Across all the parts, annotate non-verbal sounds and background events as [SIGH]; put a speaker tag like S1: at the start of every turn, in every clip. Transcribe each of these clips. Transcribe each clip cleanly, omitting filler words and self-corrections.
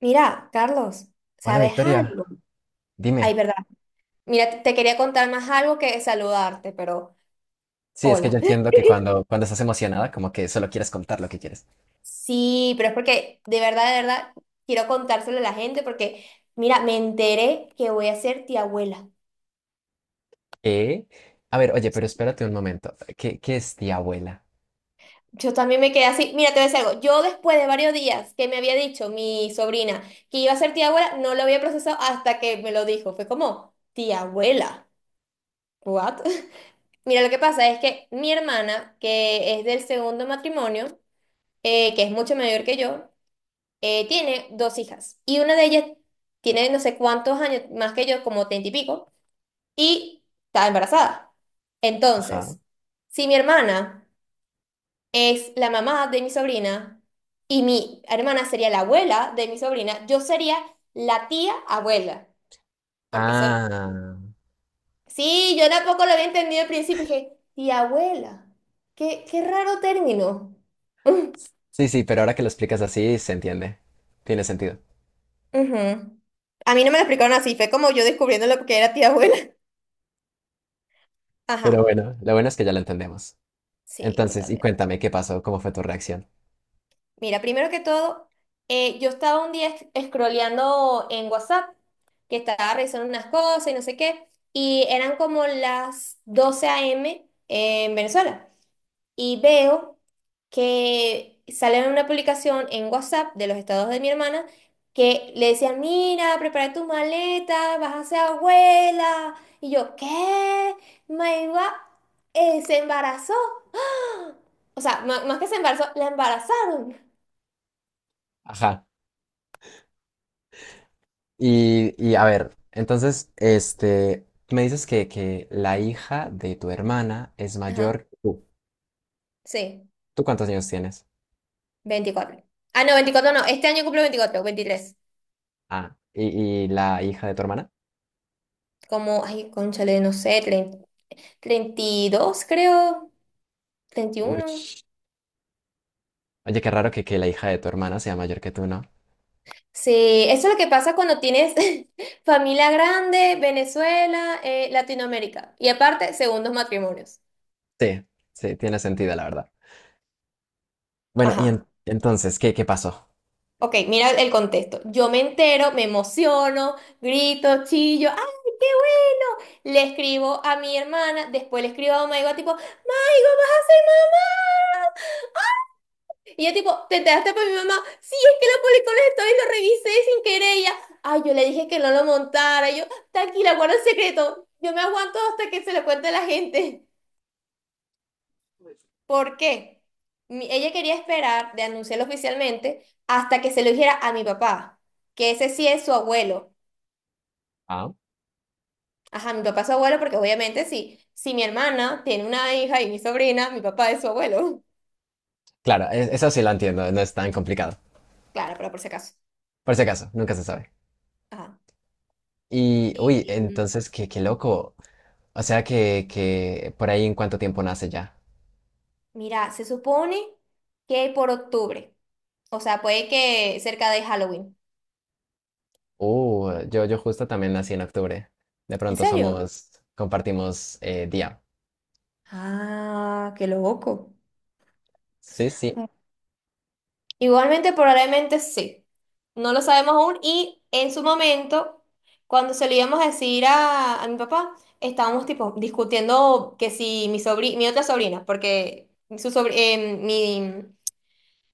S1: Mira, Carlos,
S2: Hola
S1: ¿sabes algo?
S2: Victoria,
S1: Ay,
S2: dime.
S1: verdad. Mira, te quería contar más algo que saludarte, pero
S2: Sí, es que yo
S1: hola.
S2: entiendo que cuando estás emocionada, como que solo quieres contar lo que quieres.
S1: Sí, pero es porque de verdad, quiero contárselo a la gente porque, mira, me enteré que voy a ser tía abuela.
S2: ¿Qué? A ver, oye, pero espérate un momento. ¿Qué es tía abuela?
S1: Yo también me quedé así. Mira, te voy a decir algo. Yo después de varios días que me había dicho mi sobrina que iba a ser tía abuela, no lo había procesado hasta que me lo dijo. Fue como, tía abuela. ¿What? [LAUGHS] Mira, lo que pasa es que mi hermana, que es del segundo matrimonio, que es mucho mayor que yo, tiene dos hijas. Y una de ellas tiene no sé cuántos años más que yo, como 30 y pico, y está embarazada.
S2: Ajá.
S1: Entonces, si mi hermana es la mamá de mi sobrina y mi hermana sería la abuela de mi sobrina, yo sería la tía abuela. Porque soy.
S2: Ah.
S1: Sí, yo tampoco lo había entendido al principio. Dije, tía abuela. Qué, qué raro término. [LAUGHS]
S2: Sí, sí, pero ahora que lo explicas así, se entiende. Tiene sentido.
S1: Ujú. A mí no me lo explicaron así, fue como yo descubriendo lo que era tía abuela. [LAUGHS]
S2: Pero
S1: Ajá,
S2: bueno, lo bueno es que ya lo entendemos.
S1: sí,
S2: Entonces, y
S1: totalmente.
S2: cuéntame, ¿qué pasó? ¿Cómo fue tu reacción?
S1: Mira, primero que todo, yo estaba un día scrolleando en WhatsApp, que estaba revisando unas cosas y no sé qué, y eran como las 12 a.m. en Venezuela. Y veo que sale una publicación en WhatsApp de los estados de mi hermana que le decían, mira, prepara tu maleta, vas a ser abuela. Y yo, ¿qué? Maiva se embarazó. ¡Ah! O sea, más que se embarazó, la embarazaron.
S2: Ajá. Y a ver, entonces, este, me dices que la hija de tu hermana es
S1: Ajá,
S2: mayor que tú.
S1: sí,
S2: ¿Tú cuántos años tienes?
S1: 24. Ah, no, 24 no, este año cumple 24, 23.
S2: Ah, ¿y la hija de tu hermana?
S1: Como, ay, cónchale, no sé, 30, 32 creo, treinta y
S2: Uy,
S1: uno
S2: oye, qué raro que la hija de tu hermana sea mayor que tú, ¿no?
S1: Sí, eso es lo que pasa cuando tienes [LAUGHS] familia grande, Venezuela, Latinoamérica y aparte, segundos matrimonios.
S2: Sí, sí, tiene sentido, la verdad. Bueno, y
S1: Ajá.
S2: en- entonces, ¿qué pasó?
S1: Ok, mira el contexto. Yo me entero, me emociono, grito, chillo, ¡ay, qué bueno! Le escribo a mi hermana, después le escribo a Maigo tipo, ¡Maigo, vas a ser mamá! Y yo tipo, te enteraste por mi mamá, sí, es que lo publicó en las stories, lo revisé sin querer. Y ella, ay, yo le dije que no lo montara. Y yo, tranquila, guarda el secreto. Yo me aguanto hasta que se lo cuente a la gente. ¿Por qué? Ella quería esperar de anunciarlo oficialmente hasta que se lo dijera a mi papá, que ese sí es su abuelo.
S2: Ah,
S1: Ajá, mi papá es su abuelo porque obviamente sí, si mi hermana tiene una hija y mi sobrina, mi papá es su abuelo.
S2: claro, eso sí lo entiendo, no es tan complicado.
S1: Claro, pero por si acaso.
S2: Por si acaso, nunca se sabe.
S1: Ajá.
S2: Y, uy,
S1: Y,
S2: entonces, qué loco. O sea que por ahí en cuánto tiempo nace ya.
S1: mira, se supone que por octubre, o sea, puede que cerca de Halloween.
S2: Yo justo también nací en octubre. De
S1: ¿En
S2: pronto
S1: serio?
S2: somos, compartimos día.
S1: Ah, qué loco.
S2: Sí, sí.
S1: Igualmente, probablemente sí. No lo sabemos aún y en su momento, cuando se lo íbamos a decir a mi papá, estábamos tipo discutiendo que si mi mi otra sobrina, porque su mi.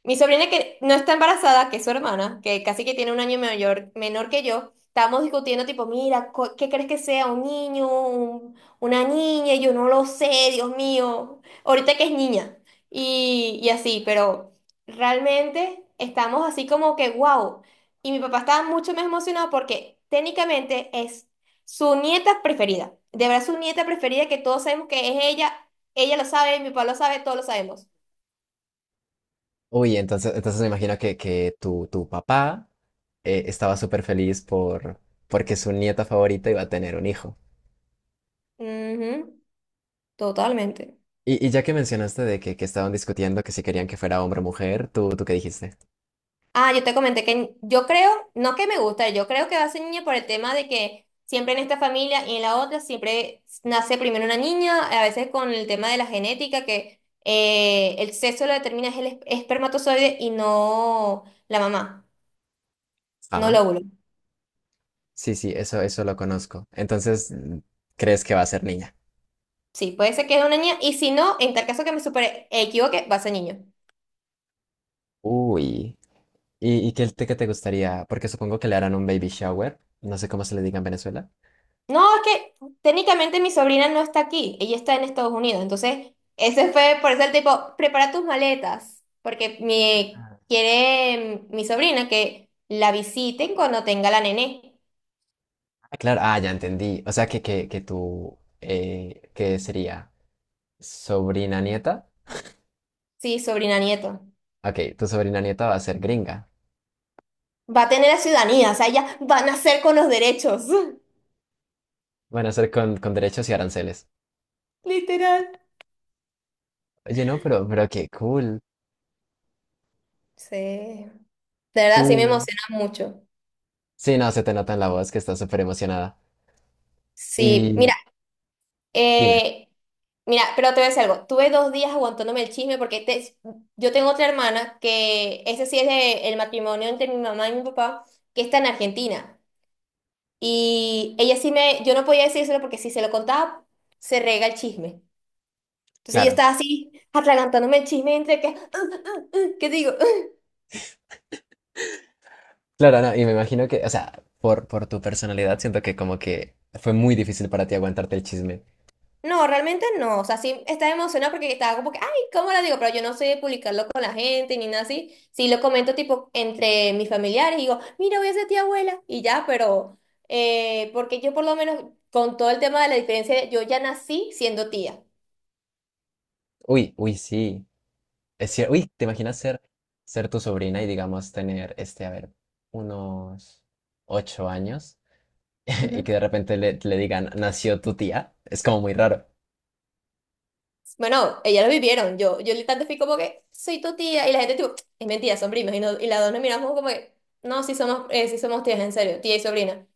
S1: Mi sobrina que no está embarazada, que es su hermana, que casi que tiene un año mayor, menor que yo, estábamos discutiendo tipo, mira, ¿qué crees que sea? ¿Un niño? ¿Una niña? Y yo no lo sé, Dios mío. Ahorita que es niña. Y así, pero realmente estamos así como que, wow. Y mi papá estaba mucho más emocionado porque técnicamente es su nieta preferida. De verdad, su nieta preferida que todos sabemos que es ella. Ella lo sabe, mi papá lo sabe, todos lo sabemos.
S2: Uy, entonces, entonces me imagino que tu papá estaba súper feliz por, porque su nieta favorita iba a tener un hijo.
S1: Ujú, totalmente.
S2: Y ya que mencionaste de que estaban discutiendo que si querían que fuera hombre o mujer, ¿tú qué dijiste?
S1: Ah, yo te comenté que yo creo, no que me gusta, yo creo que va a ser niña por el tema de que siempre en esta familia y en la otra siempre nace primero una niña, a veces con el tema de la genética, que el sexo lo determina es el espermatozoide y no la mamá, no el
S2: Ah,
S1: óvulo.
S2: sí, sí, eso lo conozco. Entonces, mm, ¿crees que va a ser niña?
S1: Sí, puede ser que es una niña y si no, en tal caso que me supere, equivoque, va a ser niño.
S2: Uy. ¿Y qué te gustaría? Porque supongo que le harán un baby shower. No sé cómo se le diga en Venezuela.
S1: No, es que técnicamente mi sobrina no está aquí, ella está en Estados Unidos, entonces ese fue por eso el tipo, prepara tus maletas, porque mi,
S2: Ah,
S1: quiere mi sobrina que la visiten cuando tenga la nené,
S2: claro, ah, ya entendí. O sea, que tu, ¿qué sería? ¿Sobrina nieta?
S1: sí, sobrina nieto.
S2: Ok, tu sobrina nieta va a ser gringa.
S1: Va a tener la ciudadanía, o sea, ella va a nacer con los derechos,
S2: Van a ser con derechos y aranceles.
S1: [LAUGHS] literal.
S2: Oye, no, pero qué cool.
S1: Sí, de verdad, sí me
S2: Tú.
S1: emociona mucho.
S2: Sí, no, se te nota en la voz que estás súper emocionada.
S1: Sí, mira.
S2: Y dime,
S1: Eh, mira, pero te voy a decir algo. Tuve dos días aguantándome el chisme porque yo tengo otra hermana que ese sí es el matrimonio entre mi mamá y mi papá, que está en Argentina. Y ella sí me, yo no podía decírselo porque si se lo contaba, se rega el chisme. Entonces yo
S2: claro.
S1: estaba así, atragantándome el chisme entre que, [LAUGHS] ¿qué digo?
S2: Claro, no, y me imagino que, o sea, por tu personalidad siento que como que fue muy difícil para ti aguantarte el chisme.
S1: No, realmente no. O sea, sí estaba emocionada porque estaba como que, ay, ¿cómo lo digo? Pero yo no sé publicarlo con la gente ni nada así. Sí lo comento tipo entre mis familiares y digo, mira, voy a ser tía abuela y ya, pero porque yo por lo menos con todo el tema de la diferencia, yo ya nací siendo tía.
S2: Uy, uy, sí. Es cierto. Uy, ¿te imaginas ser, ser tu sobrina y digamos tener, este, a ver, unos 8 años [LAUGHS] y
S1: Ujú.
S2: que de repente le, le digan, nació tu tía? Es como muy raro.
S1: Bueno, ellas lo vivieron. Yo literalmente fui como que, soy tu tía. Y la gente tipo, es mentira, son primas. Y, y las dos nos miramos como que, no, sí somos tías, en serio, tía y sobrina.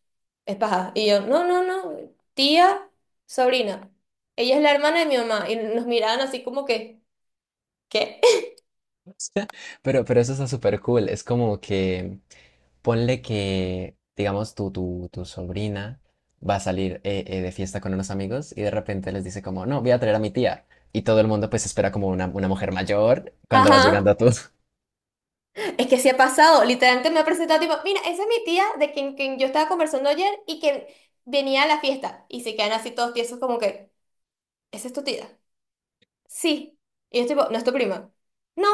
S1: Es paja. Y yo, no, no, no, tía, sobrina. Ella es la hermana de mi mamá. Y nos miraban así como que, ¿qué? [LAUGHS]
S2: [LAUGHS] Pero eso está súper cool. Es como que ponle que, digamos, tu sobrina va a salir de fiesta con unos amigos y de repente les dice como, no, voy a traer a mi tía. Y todo el mundo pues espera como una mujer mayor cuando vas
S1: Ajá,
S2: llegando a tú.
S1: es que sí ha pasado. Literalmente me ha presentado tipo, mira, esa es mi tía de quien yo estaba conversando ayer y que venía a la fiesta. Y se quedan así todos tiesos como que, ¿esa es tu tía? Sí. Y yo tipo, ¿no es tu prima? No,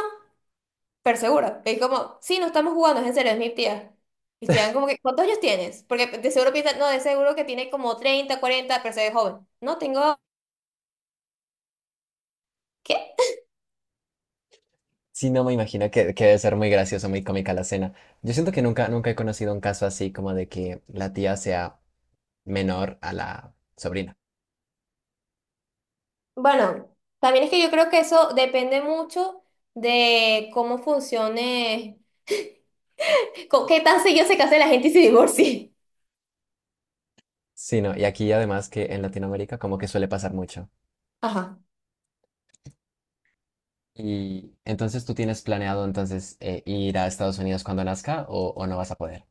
S1: pero seguro. Y como, sí, no estamos jugando, es en serio, es mi tía. Y se dan como que, ¿cuántos años tienes? Porque de seguro piensan, no, de seguro que tiene como 30, 40 pero se ve joven. No, tengo... ¿Qué?
S2: Sí, no me imagino que debe ser muy gracioso, muy cómica la escena. Yo siento que nunca, nunca he conocido un caso así como de que la tía sea menor a la sobrina.
S1: Bueno, también es que yo creo que eso depende mucho de cómo funcione, qué tan seguido se case la gente y se divorcie.
S2: Sí, no, y aquí además que en Latinoamérica como que suele pasar mucho.
S1: Ajá.
S2: Y entonces tú tienes planeado entonces ir a Estados Unidos cuando nazca o no vas a poder.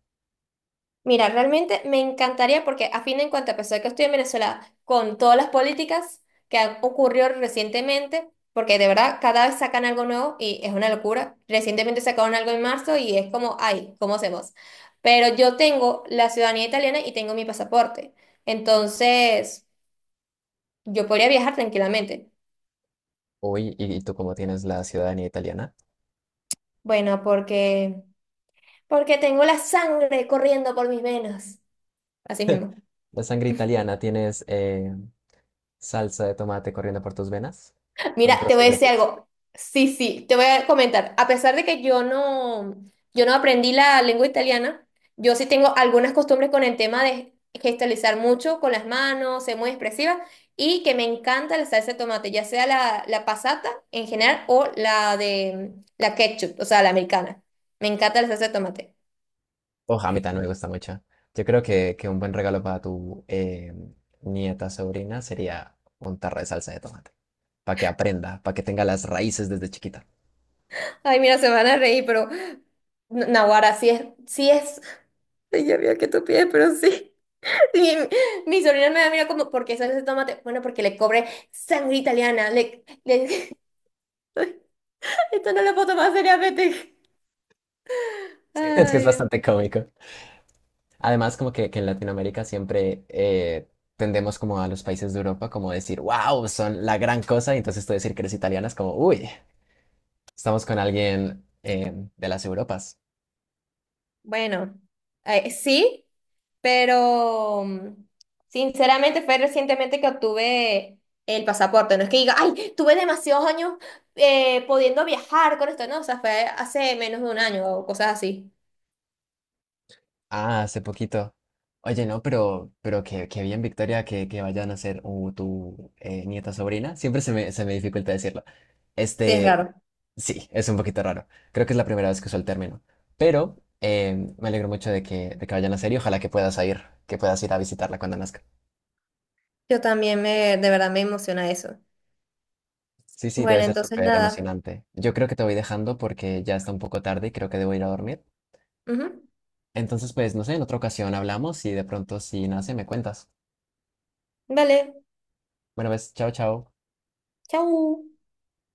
S1: Mira, realmente me encantaría porque a fin de cuentas, a pesar de que estoy en Venezuela, con todas las políticas que han ocurrido recientemente, porque de verdad cada vez sacan algo nuevo y es una locura. Recientemente sacaron algo en marzo y es como, ay, ¿cómo hacemos? Pero yo tengo la ciudadanía italiana y tengo mi pasaporte. Entonces, yo podría viajar tranquilamente.
S2: Uy, y tú cómo tienes la ciudadanía italiana,
S1: Bueno, porque, porque tengo la sangre corriendo por mis venas. Así mismo.
S2: la sangre italiana, tienes salsa de tomate corriendo por tus venas con
S1: Mira, te voy
S2: trozos
S1: a
S2: de
S1: decir
S2: pizza.
S1: algo. Sí, sí, te voy a comentar. A pesar de que yo no, yo no aprendí la lengua italiana, yo sí tengo algunas costumbres con el tema de gestualizar mucho con las manos, ser muy expresiva y que me encanta la salsa de tomate, ya sea la, la passata en general o la de la ketchup, o sea, la americana. Me encanta la salsa de tomate.
S2: Oh, a mí también me gusta mucho. Yo creo que un buen regalo para tu nieta, sobrina, sería un tarro de salsa de tomate. Para que aprenda, para que tenga las raíces desde chiquita. [LAUGHS]
S1: Ay, mira, se van a reír, pero... Naguará, sí es, sí es. Ya veo que tú pides, pero sí. [LAUGHS] Mi, mi sobrina me mira como, ¿por qué sale ese tomate? Bueno, porque le cobré sangre italiana. Le, [LAUGHS] esto no lo puedo tomar seriamente.
S2: Es que es
S1: Ay, Dios
S2: bastante
S1: mío.
S2: cómico. Además, como que en Latinoamérica siempre tendemos como a los países de Europa como decir, wow, son la gran cosa. Y entonces tú decir que eres italiana es como, uy, estamos con alguien de las Europas.
S1: Bueno, sí, pero sinceramente fue recientemente que obtuve el pasaporte. No es que diga, ay, tuve demasiados años pudiendo viajar con esto, no, o sea, fue hace menos de un año o cosas así.
S2: Ah, hace poquito. Oye, no, pero que bien, Victoria, que vayan a ser tu nieta sobrina. Siempre se me dificulta decirlo.
S1: Sí, es
S2: Este,
S1: raro.
S2: sí, es un poquito raro. Creo que es la primera vez que uso el término. Pero me alegro mucho de que vayan a ser y ojalá que puedas ir a visitarla cuando nazca.
S1: Yo también me, de verdad me emociona eso.
S2: Sí, sí, debe
S1: Bueno,
S2: ser
S1: entonces
S2: súper
S1: nada.
S2: emocionante. Yo creo que te voy dejando porque ya está un poco tarde y creo que debo ir a dormir.
S1: Ujú.
S2: Entonces, pues, no sé, en otra ocasión hablamos y de pronto si nace me cuentas.
S1: Dale,
S2: Bueno, ves, chao, chao.
S1: chau.